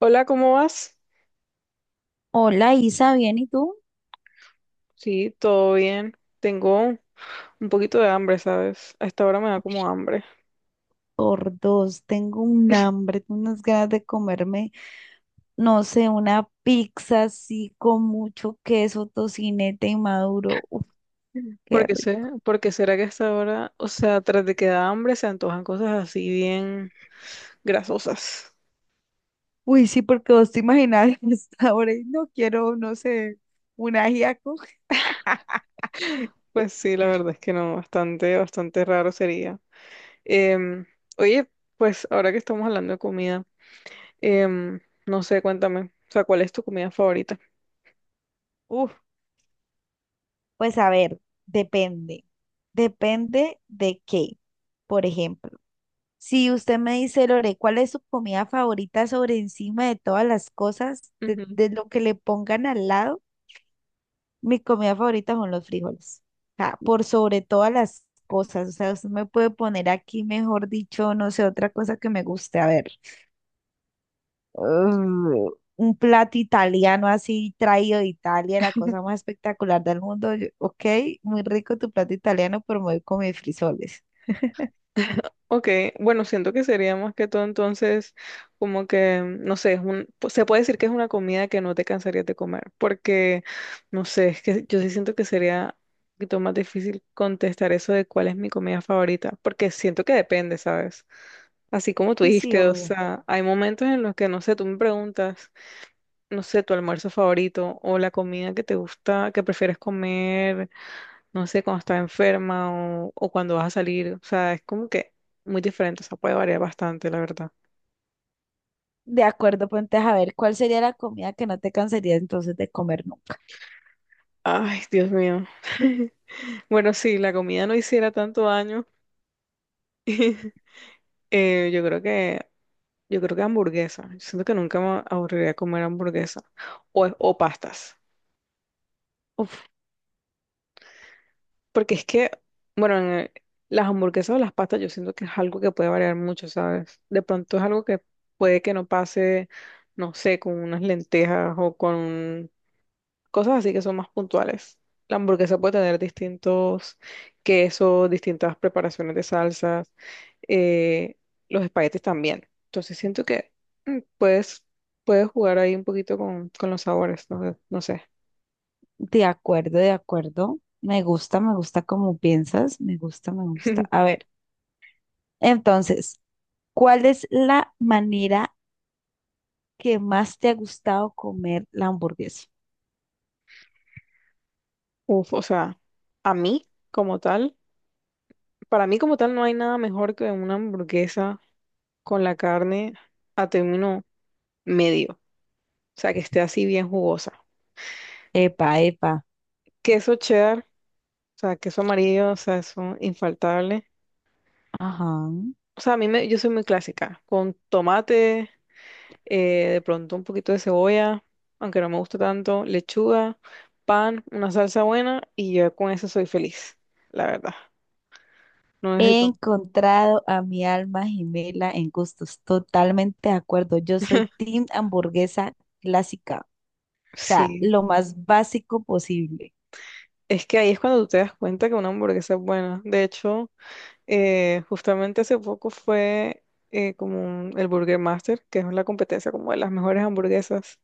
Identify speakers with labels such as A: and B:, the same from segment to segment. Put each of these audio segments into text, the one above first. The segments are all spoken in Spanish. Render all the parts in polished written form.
A: Hola, ¿cómo vas?
B: Hola Isa, ¿bien y tú?
A: Sí, todo bien. Tengo un poquito de hambre, ¿sabes? A esta hora me da como hambre.
B: Por dos, tengo un hambre, tengo unas ganas de comerme, no sé, una pizza así con mucho queso, tocineta y maduro. Uf, qué
A: Porque sé,
B: rico.
A: porque será que a esta hora, o sea, tras de que da hambre se antojan cosas así bien grasosas.
B: Uy, sí, porque vos te imaginas a esta y no quiero, no sé, un ajiaco.
A: Pues sí, la verdad es que no, bastante, bastante raro sería. Em, Oye, pues ahora que estamos hablando de comida, em, no sé, cuéntame, o sea, ¿cuál es tu comida favorita?
B: Uf, pues a ver, depende. Depende de qué, por ejemplo. Si usted me dice, Lore, ¿cuál es su comida favorita sobre encima de todas las cosas, de lo que le pongan al lado? Mi comida favorita son los frijoles. O sea, por sobre todas las cosas. O sea, usted me puede poner aquí, mejor dicho, no sé, otra cosa que me guste. A ver, uh, un plato italiano así traído de Italia, la cosa más espectacular del mundo. Yo, ok, muy rico tu plato italiano, pero me voy con mis frijoles.
A: Ok, bueno, siento que sería más que todo entonces como que, no sé, se puede decir que es una comida que no te cansarías de comer, porque, no sé, es que yo sí siento que sería un poquito más difícil contestar eso de cuál es mi comida favorita, porque siento que depende, ¿sabes? Así como tú
B: Sí, sí,
A: dijiste, o
B: obvio.
A: sea, hay momentos en los que, no sé, tú me preguntas, no sé, tu almuerzo favorito o la comida que te gusta, que prefieres comer no sé, cuando estás enferma o cuando vas a salir. O sea, es como que muy diferente, o sea, puede variar bastante, la verdad.
B: De acuerdo, ponte a ver cuál sería la comida que no te cansarías entonces de comer nunca.
A: Ay, Dios mío. Bueno, sí, la comida no hiciera tanto daño. Yo creo que, yo creo que hamburguesa. Yo siento que nunca me aburriría comer hamburguesa o pastas.
B: Uf,
A: Porque es que, bueno, las hamburguesas o las pastas yo siento que es algo que puede variar mucho, ¿sabes? De pronto es algo que puede que no pase, no sé, con unas lentejas o con cosas así que son más puntuales. La hamburguesa puede tener distintos quesos, distintas preparaciones de salsas, eh, los espaguetis también. Entonces siento que mm, puedes, puedes jugar ahí un poquito con los sabores, no sé.
B: de acuerdo, de acuerdo. Me gusta como piensas, me gusta, me gusta. A ver, entonces, ¿cuál es la manera que más te ha gustado comer la hamburguesa?
A: Uf, o sea, a mí como tal, para mí como tal no hay nada mejor que una hamburguesa con la carne a término medio, o sea, que esté así bien jugosa.
B: Epa, epa.
A: Queso cheddar, o sea, queso amarillo, o sea, eso infaltable.
B: Ajá.
A: O sea, a mí me, yo soy muy clásica, con tomate, de pronto un poquito de cebolla, aunque no me gusta tanto, lechuga, pan, una salsa buena y yo con eso soy feliz, la verdad. No
B: He
A: necesito.
B: encontrado a mi alma gemela en gustos. Totalmente de acuerdo. Yo soy team hamburguesa clásica. O sea,
A: Sí,
B: lo más básico posible.
A: es que ahí es cuando tú te das cuenta que una hamburguesa es buena. De hecho, justamente hace poco fue el Burger Master, que es la competencia como de las mejores hamburguesas.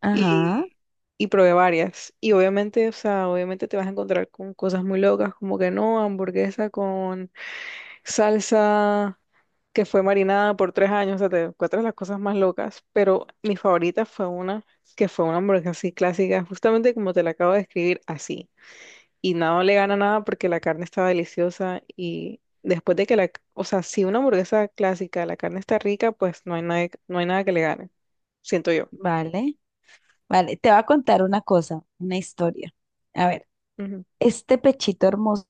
B: Ajá,
A: y, y probé varias. Y obviamente, o sea, obviamente te vas a encontrar con cosas muy locas, como que no, hamburguesa con salsa que fue marinada por 3 años, o sea, te encuentras las cosas más locas, pero mi favorita fue una que fue una hamburguesa así clásica, justamente como te la acabo de describir, así. Y nada le gana nada porque la carne estaba deliciosa y después de que la, o sea, si una hamburguesa clásica, la carne está rica, pues no hay nada, no hay nada que le gane, siento yo.
B: vale. Vale, te voy a contar una cosa, una historia. A ver,
A: Ujú,
B: este pechito hermoso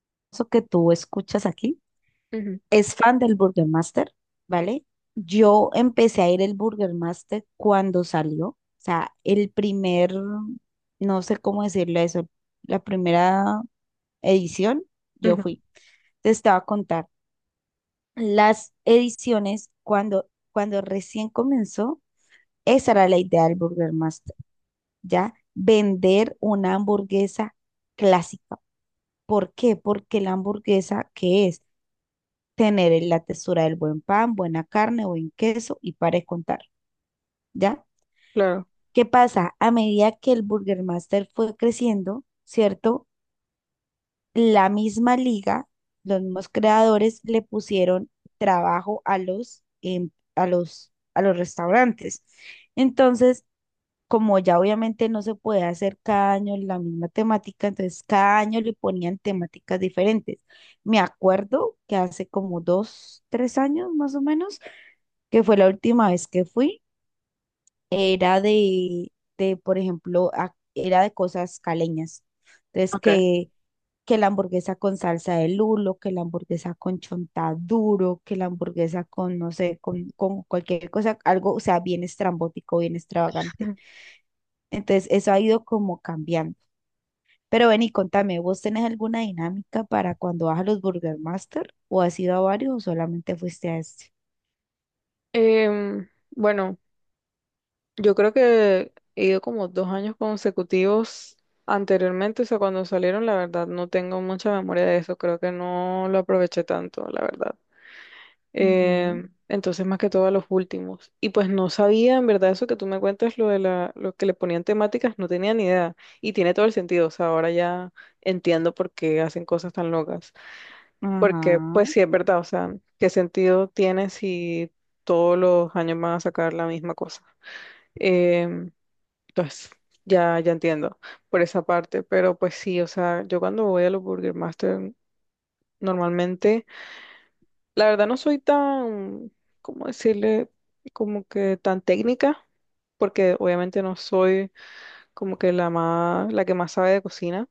B: que tú escuchas aquí
A: ujú,
B: es fan del Burger Master, ¿vale? Yo empecé a ir el Burger Master cuando salió. O sea, el primer, no sé cómo decirle eso, la primera edición, yo
A: ujú.
B: fui. Te estaba a contar. Las ediciones, cuando recién comenzó, esa era la idea del Burger Master, ¿ya? Vender una hamburguesa clásica. ¿Por qué? Porque la hamburguesa, ¿que es? Tener la textura del buen pan, buena carne, buen queso y para de contar, ¿ya?
A: Claro.
B: ¿Qué pasa? A medida que el Burger Master fue creciendo, ¿cierto? La misma liga, los mismos creadores le pusieron trabajo a los a los restaurantes. Entonces, como ya obviamente no se puede hacer cada año la misma temática, entonces cada año le ponían temáticas diferentes. Me acuerdo que hace como 2, 3 años más o menos, que fue la última vez que fui, era de por ejemplo, era de cosas caleñas. Entonces,
A: Ok.
B: que la hamburguesa con salsa de lulo, que la hamburguesa con chontaduro, que la hamburguesa con, no sé, con cualquier cosa, algo, o sea, bien estrambótico, bien extravagante. Entonces, eso ha ido como cambiando. Pero ven y contame, ¿vos tenés alguna dinámica para cuando vas a los Burger Master? ¿O has ido a varios o solamente fuiste a este?
A: Bueno, yo creo que he ido como 2 años consecutivos anteriormente, o sea, cuando salieron, la verdad, no tengo mucha memoria de eso, creo que no lo aproveché tanto, la verdad.
B: Ujú.
A: Entonces, más que todo a los últimos. Y pues no sabía, en verdad, eso que tú me cuentas, lo que le ponían temáticas, no tenía ni idea. Y tiene todo el sentido, o sea, ahora ya entiendo por qué hacen cosas tan locas. Porque,
B: Ajá.
A: pues sí, es verdad, o sea, ¿qué sentido tiene si todos los años van a sacar la misma cosa? Em, entonces, ya entiendo por esa parte, pero pues sí, o sea, yo cuando voy a los Burger Master, normalmente, la verdad no soy tan, ¿cómo decirle? Como que tan técnica, porque obviamente no soy como que la más, la que más sabe de cocina.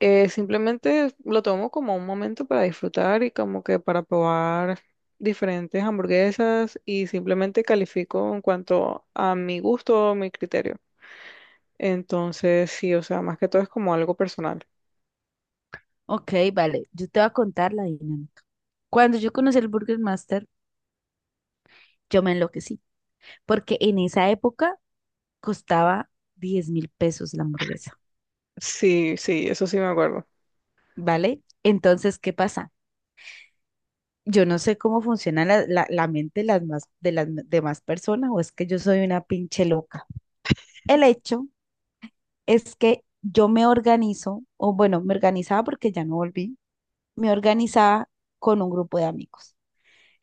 A: Simplemente lo tomo como un momento para disfrutar y como que para probar diferentes hamburguesas y simplemente califico en cuanto a mi gusto o mi criterio. Entonces, sí, o sea, más que todo es como algo personal.
B: Ok, vale. Yo te voy a contar la dinámica. Cuando yo conocí el Burger Master, yo me enloquecí, porque en esa época costaba 10.000 pesos la hamburguesa,
A: Sí, sí, eso sí me acuerdo.
B: ¿vale? Entonces, ¿qué pasa? Yo no sé cómo funciona la mente de las demás personas o es que yo soy una pinche loca. El hecho es que yo me organizo, o bueno, me organizaba porque ya no volví, me organizaba con un grupo de amigos.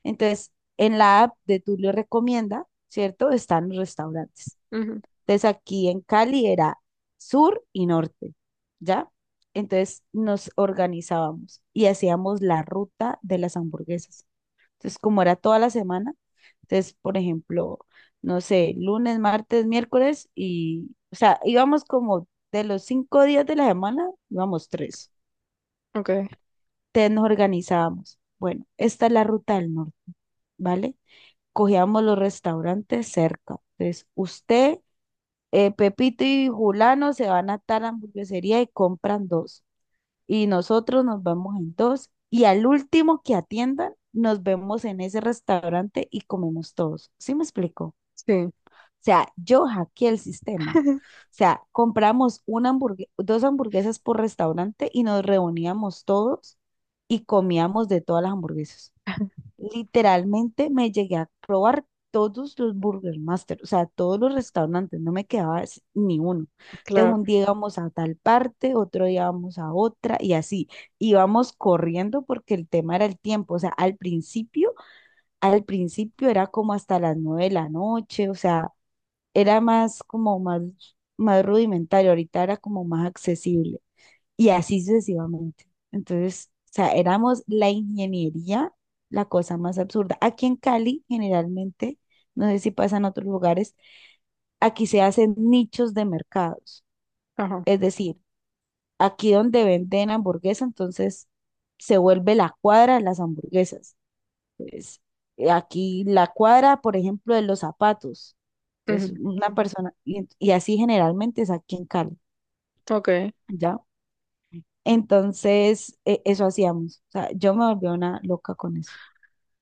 B: Entonces, en la app de Tulio Recomienda, ¿cierto? Están los restaurantes.
A: Ujú.
B: Entonces aquí en Cali era sur y norte, ¿ya? Entonces nos organizábamos y hacíamos la ruta de las hamburguesas. Entonces, como era toda la semana, entonces, por ejemplo, no sé, lunes, martes, miércoles y, o sea, íbamos como de los 5 días de la semana, íbamos tres.
A: Ok,
B: Entonces nos organizábamos. Bueno, esta es la ruta del norte, ¿vale? Cogíamos los restaurantes cerca. Entonces, usted Pepito y Julano se van a tal hamburguesería y compran dos. Y nosotros nos vamos en dos. Y al último que atiendan, nos vemos en ese restaurante y comemos todos. ¿Sí me explico? O
A: sí,
B: sea, yo hackeé el sistema. O sea, compramos una hamburgue- dos hamburguesas por restaurante y nos reuníamos todos y comíamos de todas las hamburguesas. Literalmente me llegué a probar todos los Burger Master, o sea, todos los restaurantes, no me quedaba s- ni uno. Entonces
A: claro.
B: un día íbamos a tal parte, otro día íbamos a otra y así. Íbamos corriendo porque el tema era el tiempo, o sea, al principio era como hasta las 9 de la noche, o sea, era más como más, más rudimentario, ahorita era como más accesible y así sucesivamente. Entonces, o sea, éramos la ingeniería, la cosa más absurda. Aquí en Cali, generalmente, no sé si pasa en otros lugares, aquí se hacen nichos de mercados.
A: Ajá.
B: Es decir, aquí donde venden hamburguesa, entonces se vuelve la cuadra de las hamburguesas. Entonces, aquí la cuadra, por ejemplo, de los zapatos. Entonces,
A: Ujú.
B: una persona, y así generalmente es aquí en Cali,
A: Ok.
B: ¿ya? Entonces, eso hacíamos. O sea, yo me volví una loca con eso,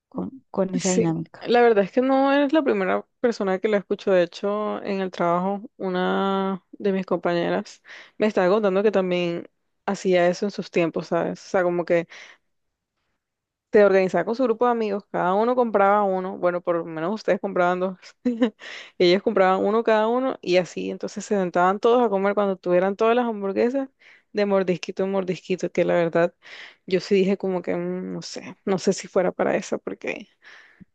B: con esa
A: Sí,
B: dinámica.
A: la verdad es que no eres la primera persona que la escucho. De hecho, en el trabajo, una de mis compañeras me estaba contando que también hacía eso en sus tiempos, ¿sabes? O sea, como que se organizaba con su grupo de amigos, cada uno compraba uno, bueno, por lo menos ustedes compraban dos, y ellos compraban uno cada uno y así, entonces se sentaban todos a comer cuando tuvieran todas las hamburguesas de mordisquito en mordisquito, que la verdad yo sí dije como que no sé, no sé si fuera para eso, porque.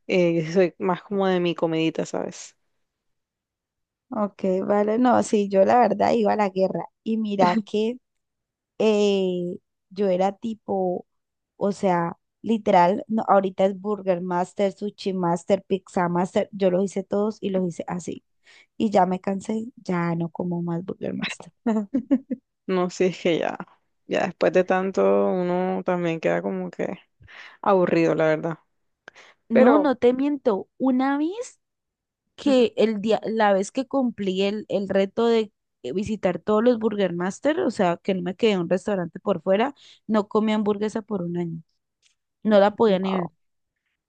A: Soy más como de mi comidita, ¿sabes?
B: Ok, vale, no, sí, yo la verdad iba a la guerra y mira que eh, yo era tipo, o sea, literal, no, ahorita es Burger Master, Sushi Master, Pizza Master, yo los hice todos y los hice así. Y ya me cansé, ya no como más Burger Master.
A: No, si es que ya, ya después de tanto uno también queda como que aburrido, la verdad.
B: No, no
A: Pero
B: te miento. Una vez
A: ujú,
B: que el día, la vez que cumplí el reto de visitar todos los Burger Master, o sea, que no me quedé en un restaurante por fuera, no comí hamburguesa por un año. No la podía negar,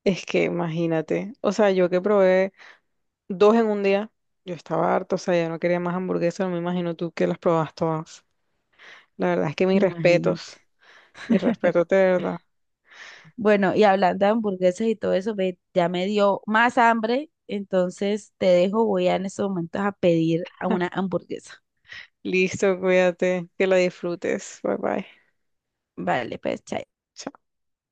A: es que imagínate, o sea, yo que probé dos en un día, yo estaba harto, o sea, ya no quería más hamburguesas, no me imagino tú que las probas todas. La verdad es que
B: imagínate.
A: mis respetos de verdad.
B: Bueno, y hablando de hamburguesas y todo eso, ve, ya me dio más hambre, entonces te dejo, voy a en estos momentos a pedir a una hamburguesa.
A: Listo, cuídate, que la disfrutes. Bye bye.
B: Vale, pues, chao.
A: Chao.